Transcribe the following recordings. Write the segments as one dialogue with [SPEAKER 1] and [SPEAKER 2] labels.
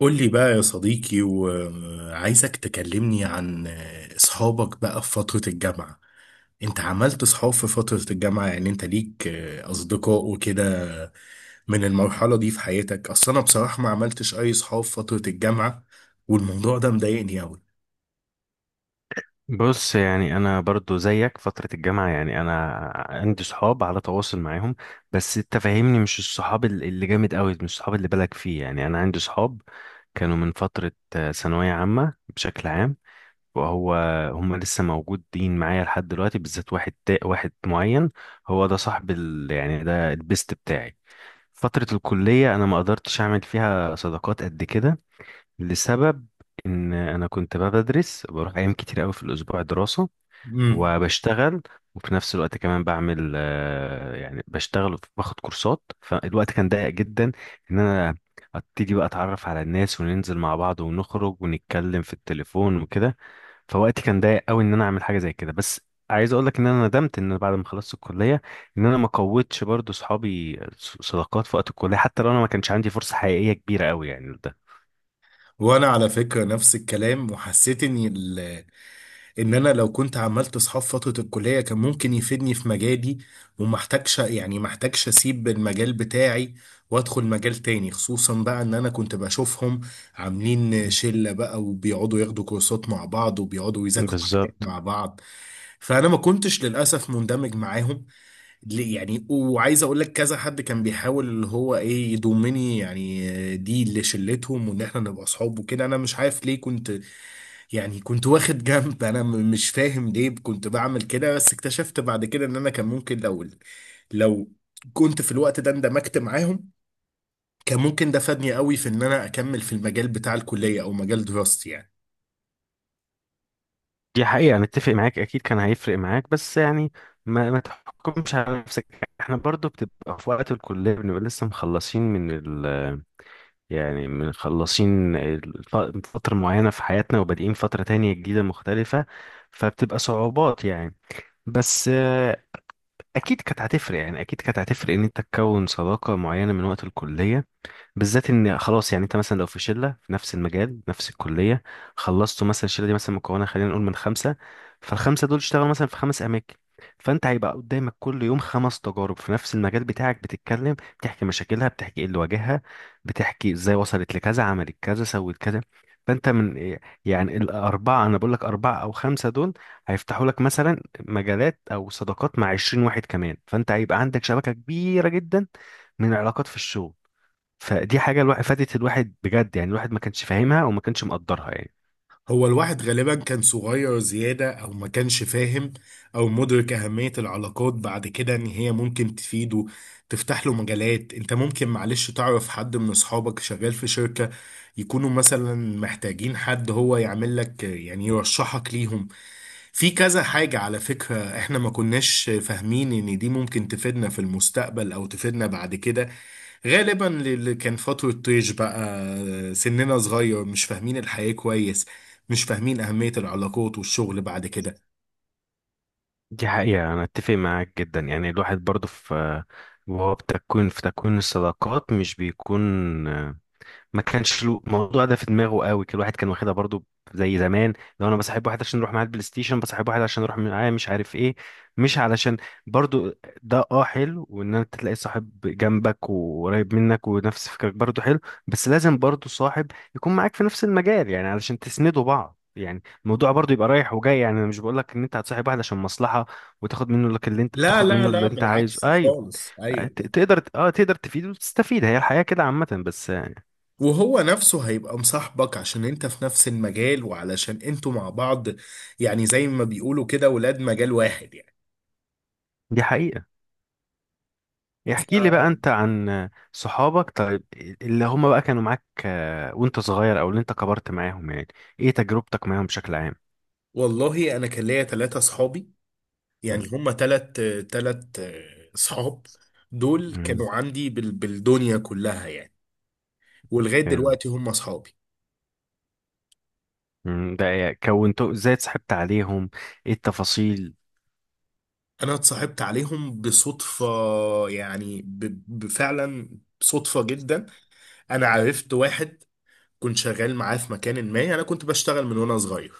[SPEAKER 1] قول لي بقى يا صديقي وعايزك تكلمني عن اصحابك بقى في فترة الجامعة. انت عملت اصحاب في فترة الجامعة؟ يعني انت ليك اصدقاء وكده من المرحلة دي في حياتك؟ اصل انا بصراحة ما عملتش اي اصحاب في فترة الجامعة، والموضوع ده مضايقني اوي.
[SPEAKER 2] بص، يعني انا برضو زيك فترة الجامعة. يعني انا عندي صحاب على تواصل معاهم. بس انت فاهمني، مش الصحاب اللي جامد قوي، مش الصحاب اللي بالك فيه. يعني انا عندي صحاب كانوا من فترة ثانوية عامة بشكل عام، وهو هم لسه موجودين معايا لحد دلوقتي، بالذات واحد معين. هو ده صاحب يعني ده البيست بتاعي. فترة الكلية انا ما قدرتش اعمل فيها صداقات قد كده، لسبب ان انا كنت بقى بدرس، بروح ايام كتير قوي في الاسبوع دراسة،
[SPEAKER 1] امم.
[SPEAKER 2] وبشتغل، وفي نفس الوقت كمان بعمل يعني بشتغل وباخد كورسات. فالوقت كان ضيق جدا ان انا ابتدي بقى اتعرف على الناس وننزل مع بعض ونخرج ونتكلم في التليفون وكده. فوقتي كان ضيق قوي ان انا اعمل حاجه زي كده. بس عايز اقول لك ان انا ندمت، ان أنا بعد ما خلصت الكليه، ان انا ما قوتش برضو صحابي صداقات في وقت الكليه، حتى لو انا ما كانش عندي فرصه حقيقيه كبيره قوي، يعني ده.
[SPEAKER 1] وانا على فكرة نفس الكلام، وحسيت اني ان انا لو كنت عملت اصحاب فترة الكلية كان ممكن يفيدني في مجالي، ومحتاجش يعني محتاجش اسيب المجال بتاعي وادخل مجال تاني، خصوصا بقى ان انا كنت بشوفهم عاملين شلة بقى، وبيقعدوا ياخدوا كورسات مع بعض، وبيقعدوا يذاكروا حاجات
[SPEAKER 2] بالظبط.
[SPEAKER 1] مع بعض. فانا ما كنتش للاسف مندمج معاهم. يعني وعايز اقول لك كذا حد كان بيحاول اللي هو ايه يضمني، يعني دي اللي شلتهم، وان احنا نبقى اصحاب وكده. انا مش عارف ليه كنت، يعني كنت واخد جنب، انا مش فاهم ليه كنت بعمل كده. بس اكتشفت بعد كده ان انا كان ممكن، لو كنت في الوقت ده اندمجت معاهم كان ممكن ده فادني قوي في ان انا اكمل في المجال بتاع الكلية او مجال دراستي يعني.
[SPEAKER 2] دي حقيقة، أنا متفق معاك، أكيد كان هيفرق معاك. بس يعني ما تحكمش على نفسك. احنا برضو بتبقى في وقت الكلية بنبقى لسه مخلصين من ال يعني فترة معينة في حياتنا، وبادئين فترة تانية جديدة مختلفة. فبتبقى صعوبات يعني. بس أكيد كانت هتفرق، يعني أكيد كانت هتفرق إن أنت تكون صداقة معينة من وقت الكلية، بالذات ان خلاص. يعني انت مثلا لو في شله في نفس المجال نفس الكليه، خلصتوا، مثلا الشله دي مثلا مكونه خلينا نقول من خمسه، فالخمسه دول اشتغلوا مثلا في خمس اماكن، فانت هيبقى قدامك كل يوم خمس تجارب في نفس المجال بتاعك، بتتكلم، بتحكي مشاكلها، بتحكي ايه اللي واجهها، بتحكي ازاي وصلت لكذا، عملت كذا، سوت كذا. فانت من يعني الاربعه، انا بقول لك اربعه او خمسه دول، هيفتحوا لك مثلا مجالات او صداقات مع 20 واحد كمان، فانت هيبقى عندك شبكه كبيره جدا من العلاقات في الشغل. فدي حاجة الواحد فادت الواحد بجد، يعني الواحد ما كانش فاهمها وما كانش مقدرها يعني.
[SPEAKER 1] هو الواحد غالبا كان صغير زيادة، أو ما كانش فاهم أو مدرك أهمية العلاقات بعد كده، إن هي ممكن تفيده، تفتح له مجالات. أنت ممكن معلش تعرف حد من أصحابك شغال في شركة، يكونوا مثلا محتاجين حد، هو يعمل لك يعني يرشحك ليهم في كذا حاجة. على فكرة احنا ما كناش فاهمين ان دي ممكن تفيدنا في المستقبل او تفيدنا بعد كده. غالبا اللي كان فترة طيش بقى، سننا صغير، مش فاهمين الحياة كويس، مش فاهمين أهمية العلاقات والشغل بعد كده.
[SPEAKER 2] دي حقيقة، أنا أتفق معاك جدا. يعني الواحد برضه، في وهو بتكوين في تكوين الصداقات مش بيكون، ما كانش الموضوع ده في دماغه قوي. كل واحد كان واخدها برضو زي زمان، لو انا بصاحب واحد عشان نروح معاه البلاي ستيشن، بصاحب واحد عشان اروح معاه مش عارف ايه، مش علشان برضو. ده اه، حلو وان انت تلاقي صاحب جنبك وقريب منك ونفس فكرك، برضو حلو. بس لازم برضو صاحب يكون معاك في نفس المجال، يعني علشان تسندوا بعض، يعني الموضوع برضو يبقى رايح وجاي. يعني انا مش بقول لك ان انت هتصاحب واحد عشان مصلحة وتاخد منه لك اللي انت،
[SPEAKER 1] لا
[SPEAKER 2] وتاخد
[SPEAKER 1] لا
[SPEAKER 2] منه اللي
[SPEAKER 1] لا،
[SPEAKER 2] انت عايزه،
[SPEAKER 1] بالعكس
[SPEAKER 2] ايوه.
[SPEAKER 1] خالص. أيوه.
[SPEAKER 2] تقدر اه تقدر تفيد وتستفيد، هي الحياة كده عامة، بس.
[SPEAKER 1] وهو نفسه هيبقى مصاحبك عشان انت في نفس المجال، وعلشان انتوا مع بعض، يعني زي ما بيقولوا كده ولاد مجال واحد يعني.
[SPEAKER 2] دي حقيقة. احكي لي بقى انت عن صحابك، طيب، اللي هم بقى كانوا معاك وانت صغير، او اللي انت كبرت معاهم. يعني ايه تجربتك معاهم بشكل عام؟
[SPEAKER 1] والله انا كان ليا ثلاثة صحابي،
[SPEAKER 2] مم.
[SPEAKER 1] يعني هما ثلاث ثلاث صحاب. دول
[SPEAKER 2] مم.
[SPEAKER 1] كانوا عندي بالدنيا كلها يعني. ولغاية
[SPEAKER 2] حلو.
[SPEAKER 1] دلوقتي هم صحابي.
[SPEAKER 2] مم. ده إيه؟ كونتوا ازاي، اتصاحبت عليهم؟ ايه التفاصيل؟
[SPEAKER 1] انا اتصاحبت عليهم بصدفة، يعني فعلا صدفة جدا. انا عرفت واحد كنت شغال معاه في مكان، ما انا كنت بشتغل من وانا صغير،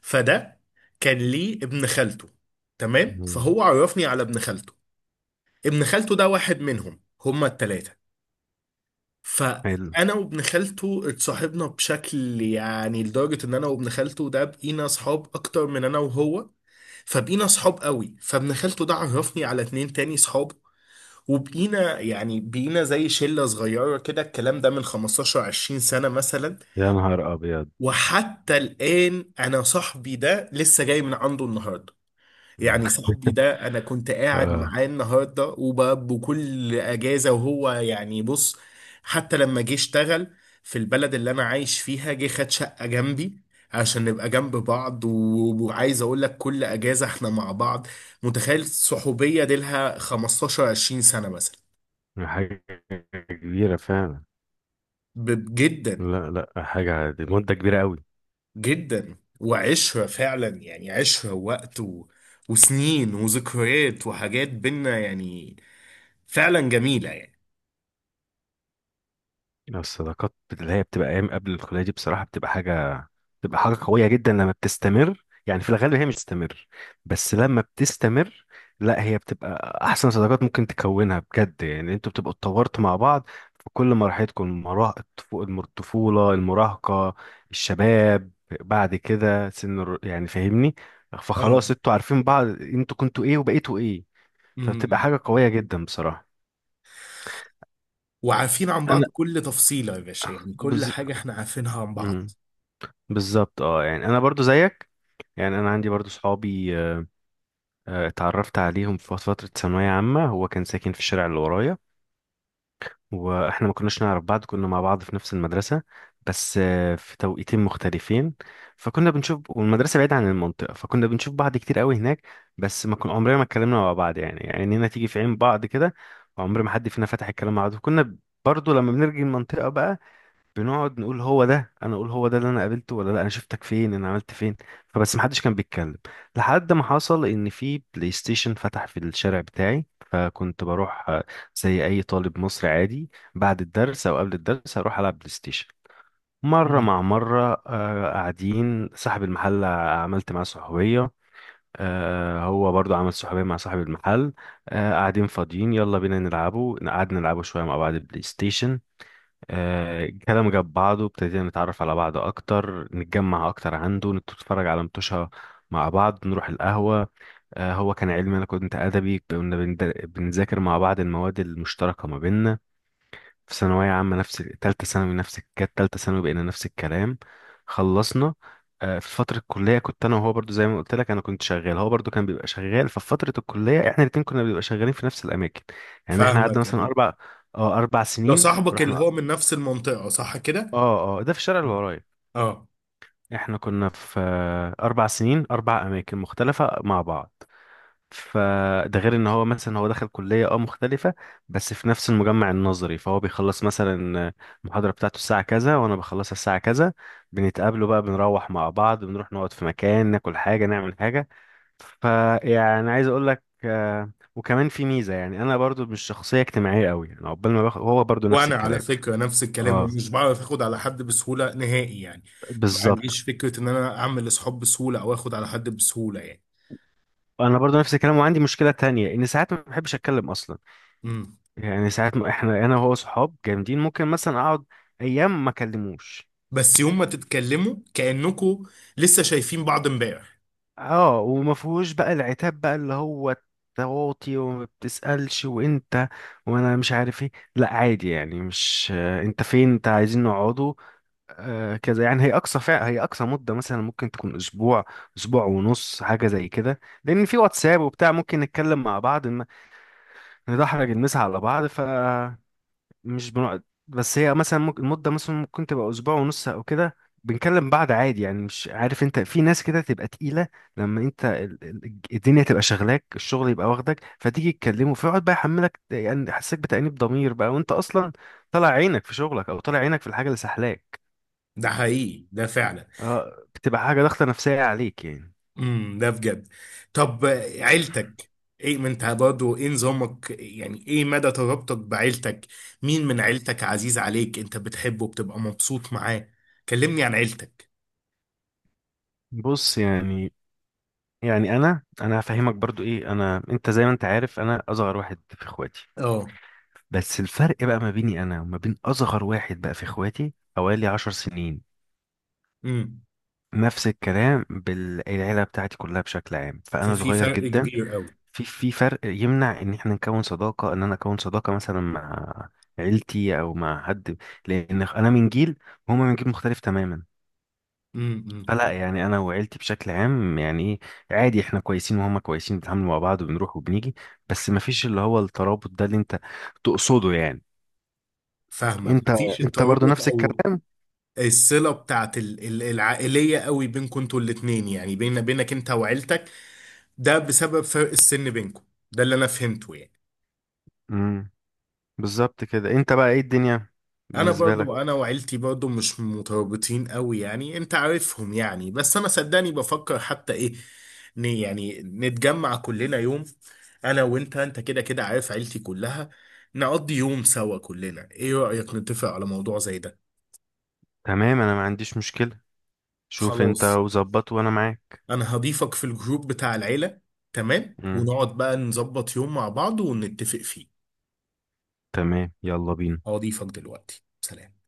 [SPEAKER 1] فده كان ليه ابن خالته. تمام،
[SPEAKER 2] مم.
[SPEAKER 1] فهو عرفني على ابن خالته. ابن خالته ده واحد منهم، هما التلاتة.
[SPEAKER 2] حلو.
[SPEAKER 1] فانا وابن خالته اتصاحبنا بشكل يعني، لدرجة ان انا وابن خالته ده بقينا اصحاب اكتر من انا وهو. فبقينا صحاب قوي. فابن خالته ده عرفني على اتنين تاني صحاب، وبقينا يعني بقينا زي شلة صغيرة كده. الكلام ده من 15 20 سنة مثلا.
[SPEAKER 2] يا نهار ابيض.
[SPEAKER 1] وحتى الآن أنا صاحبي ده لسه جاي من عنده النهاردة.
[SPEAKER 2] مم.
[SPEAKER 1] يعني صاحبي ده أنا كنت قاعد
[SPEAKER 2] اه.
[SPEAKER 1] معاه النهاردة، وبكل أجازة، وهو يعني بص، حتى لما جه اشتغل في البلد اللي أنا عايش فيها جه خد شقة جنبي عشان نبقى جنب بعض. وعايز أقول لك كل أجازة احنا مع بعض. متخيل؟ صحوبية دي لها 15 20 سنة مثلا.
[SPEAKER 2] حاجه كبيره فعلا.
[SPEAKER 1] جدا
[SPEAKER 2] لا لا، حاجه دي مده كبيره قوي.
[SPEAKER 1] جدا. وعشرة فعلا، يعني عشرة ووقت وسنين وذكريات وحاجات بينا يعني، فعلا جميلة يعني.
[SPEAKER 2] يعني الصداقات اللي هي بتبقى ايام قبل الكليه دي بصراحه بتبقى حاجه، بتبقى حاجه قويه جدا لما بتستمر. يعني في الغالب هي مش بتستمر، بس لما بتستمر لا هي بتبقى احسن صداقات ممكن تكونها بجد. يعني انتوا بتبقوا اتطورتوا مع بعض في كل مراحلكم، المراهق، الطفوله، المراهقه، الشباب، بعد كده سن يعني فاهمني.
[SPEAKER 1] اه.
[SPEAKER 2] فخلاص انتوا عارفين بعض، انتوا كنتوا ايه وبقيتوا ايه. فبتبقى
[SPEAKER 1] مم.
[SPEAKER 2] حاجه قويه جدا بصراحه.
[SPEAKER 1] وعارفين عن
[SPEAKER 2] انا
[SPEAKER 1] بعض كل تفصيلة يا باشا، يعني كل
[SPEAKER 2] بز...
[SPEAKER 1] حاجة احنا عارفينها عن بعض.
[SPEAKER 2] مم. بالظبط، اه، يعني انا برضو زيك. يعني انا عندي برضو صحابي اتعرفت عليهم في فترة ثانوية عامة. هو كان ساكن في الشارع اللي ورايا، واحنا ما كناش نعرف بعض. كنا مع بعض في نفس المدرسة بس في توقيتين مختلفين، فكنا بنشوف، والمدرسة بعيدة عن المنطقة، فكنا بنشوف بعض كتير قوي هناك. بس ما كنا عمرنا ما اتكلمنا مع بعض، يعني عينينا تيجي في عين بعض كده، وعمر ما حد فينا فتح الكلام مع بعض. وكنا برضو لما بنرجع المنطقة بقى بنقعد نقول، هو ده، انا اقول هو ده اللي انا قابلته ولا لا، انا شفتك فين، انا عملت فين. فبس محدش كان بيتكلم. لحد ما حصل ان في بلاي ستيشن فتح في الشارع بتاعي، فكنت بروح زي اي طالب مصري عادي بعد الدرس او قبل الدرس اروح العب بلاي ستيشن. مره
[SPEAKER 1] مم.
[SPEAKER 2] مع مره قاعدين، صاحب المحل عملت معاه صحوبيه، هو برضو عمل صحوبيه مع صاحب المحل، قاعدين فاضيين، يلا بينا نلعبه. قعدنا نلعبه شويه مع بعض البلاي ستيشن. كلام جاب بعضه، ابتدينا نتعرف على بعض اكتر، نتجمع اكتر عنده، نتفرج على متوشة مع بعض، نروح القهوة. هو كان علمي، انا كنت ادبي، كنا بنذاكر مع بعض المواد المشتركة ما بيننا في ثانوية عامة. نفس تالتة ثانوي، نفس كانت تالتة ثانوي، بقينا نفس الكلام. خلصنا في فترة الكلية كنت أنا وهو برضو زي ما قلت لك، أنا كنت شغال، هو برضو كان بيبقى شغال. ففي فترة الكلية إحنا الاتنين كنا بنبقى شغالين في نفس الأماكن. يعني إحنا قعدنا
[SPEAKER 1] فاهمك
[SPEAKER 2] مثلا
[SPEAKER 1] يعني.
[SPEAKER 2] أربع اه أربع
[SPEAKER 1] ده
[SPEAKER 2] سنين
[SPEAKER 1] صاحبك اللي
[SPEAKER 2] رحنا
[SPEAKER 1] هو من نفس المنطقة، صح كده؟
[SPEAKER 2] اه، اه، ده في الشارع اللي
[SPEAKER 1] مم.
[SPEAKER 2] ورايا.
[SPEAKER 1] اه.
[SPEAKER 2] احنا كنا في 4 سنين، اربع اماكن مختلفة مع بعض. فده غير ان هو مثلا هو دخل كلية اه مختلفة بس في نفس المجمع النظري، فهو بيخلص مثلا المحاضرة بتاعته الساعة كذا وانا بخلصها الساعة كذا، بنتقابلوا بقى، بنروح مع بعض، بنروح نقعد في مكان، ناكل حاجة، نعمل حاجة. فيعني عايز اقول لك وكمان في ميزة، يعني انا برضو مش شخصية اجتماعية قوي، يعني عقبال ما باخد، هو برضو نفس
[SPEAKER 1] وانا على
[SPEAKER 2] الكلام.
[SPEAKER 1] فكرة نفس الكلام،
[SPEAKER 2] اه
[SPEAKER 1] ومش بعرف اخد على حد بسهولة نهائي يعني. ما
[SPEAKER 2] بالظبط.
[SPEAKER 1] عنديش فكرة ان انا اعمل اصحاب بسهولة او اخد على حد بسهولة يعني.
[SPEAKER 2] انا برضو نفس الكلام، وعندي مشكله تانية ان ساعات ما بحبش اتكلم اصلا.
[SPEAKER 1] مم.
[SPEAKER 2] يعني ساعات ما احنا انا وهو صحاب جامدين، ممكن مثلا اقعد ايام ما اكلموش.
[SPEAKER 1] بس يوم ما تتكلموا كأنكوا لسه شايفين بعض امبارح.
[SPEAKER 2] اه، وما فيهوش بقى العتاب بقى اللي هو تواطي وما بتسالش وانت، وانا مش عارف ايه. لا عادي يعني، مش انت فين، انت عايزين نقعدوا، كذا. يعني هي اقصى هي اقصى مده مثلا ممكن تكون اسبوع، اسبوع ونص حاجه زي كده، لان في واتساب وبتاع ممكن نتكلم مع بعض. ندحرج المسا على بعض، مش بنقعد. بس هي مثلا ممكن المدة مثلا ممكن تبقى أسبوع ونص أو كده، بنكلم بعض عادي. يعني مش عارف، أنت في ناس كده تبقى تقيلة، لما أنت الدنيا تبقى شغلاك، الشغل يبقى واخدك، فتيجي تكلمه فيقعد بقى يحملك، يعني يحسسك بتأنيب ضمير، بقى وأنت أصلا طالع عينك في شغلك أو طالع عينك في الحاجة اللي سحلاك.
[SPEAKER 1] ده حقيقي ده فعلا.
[SPEAKER 2] أه بتبقى حاجة ضغطة نفسية عليك يعني.
[SPEAKER 1] ده بجد. طب عيلتك، ايه، ما انت برضه ايه نظامك، يعني ايه مدى ترابطك بعيلتك؟ مين من عيلتك عزيز عليك انت بتحبه بتبقى مبسوط معاه؟ كلمني عن عيلتك.
[SPEAKER 2] بص، يعني، يعني أنا هفهمك برضو إيه أنا. أنت زي ما أنت عارف، أنا أصغر واحد في إخواتي.
[SPEAKER 1] اه.
[SPEAKER 2] بس الفرق بقى ما بيني انا وما بين اصغر واحد بقى في اخواتي حوالي 10 سنين.
[SPEAKER 1] امم.
[SPEAKER 2] نفس الكلام بالعيله بتاعتي كلها بشكل عام، فانا
[SPEAKER 1] ففي
[SPEAKER 2] صغير
[SPEAKER 1] فرق
[SPEAKER 2] جدا.
[SPEAKER 1] كبير قوي.
[SPEAKER 2] في فرق يمنع ان احنا نكون صداقه، ان انا اكون صداقه مثلا مع عيلتي او مع حد، لان انا من جيل وهما من جيل مختلف تماما.
[SPEAKER 1] امم. امم.
[SPEAKER 2] فلا، يعني انا وعيلتي بشكل عام يعني ايه، عادي، احنا كويسين وهما كويسين، بنتعامل مع بعض وبنروح وبنيجي. بس ما فيش اللي هو الترابط ده اللي انت تقصده يعني.
[SPEAKER 1] فاهمك.
[SPEAKER 2] انت
[SPEAKER 1] مفيش
[SPEAKER 2] انت برضو
[SPEAKER 1] الترابط
[SPEAKER 2] نفس
[SPEAKER 1] او الصلة بتاعت العائلية قوي بينكم انتوا الاتنين، يعني بينك انت وعيلتك. ده بسبب فرق السن بينكم، ده اللي انا فهمته يعني.
[SPEAKER 2] الكلام. بالظبط كده، انت بقى ايه الدنيا
[SPEAKER 1] انا
[SPEAKER 2] بالنسبة
[SPEAKER 1] برضو
[SPEAKER 2] لك؟
[SPEAKER 1] انا وعيلتي برضو مش مترابطين قوي، يعني انت عارفهم يعني. بس انا صدقني بفكر حتى ايه، يعني نتجمع كلنا يوم. انا وانت، انت كده كده عارف عيلتي كلها. نقضي يوم سوا كلنا، ايه رأيك نتفق على موضوع زي ده؟
[SPEAKER 2] تمام، انا ما عنديش مشكلة، شوف انت
[SPEAKER 1] خلاص.
[SPEAKER 2] وظبط وانا معاك.
[SPEAKER 1] انا هضيفك في الجروب بتاع العيلة. تمام،
[SPEAKER 2] مم.
[SPEAKER 1] ونقعد بقى نظبط يوم مع بعض ونتفق فيه.
[SPEAKER 2] تمام، يلا بينا.
[SPEAKER 1] هضيفك دلوقتي. سلام.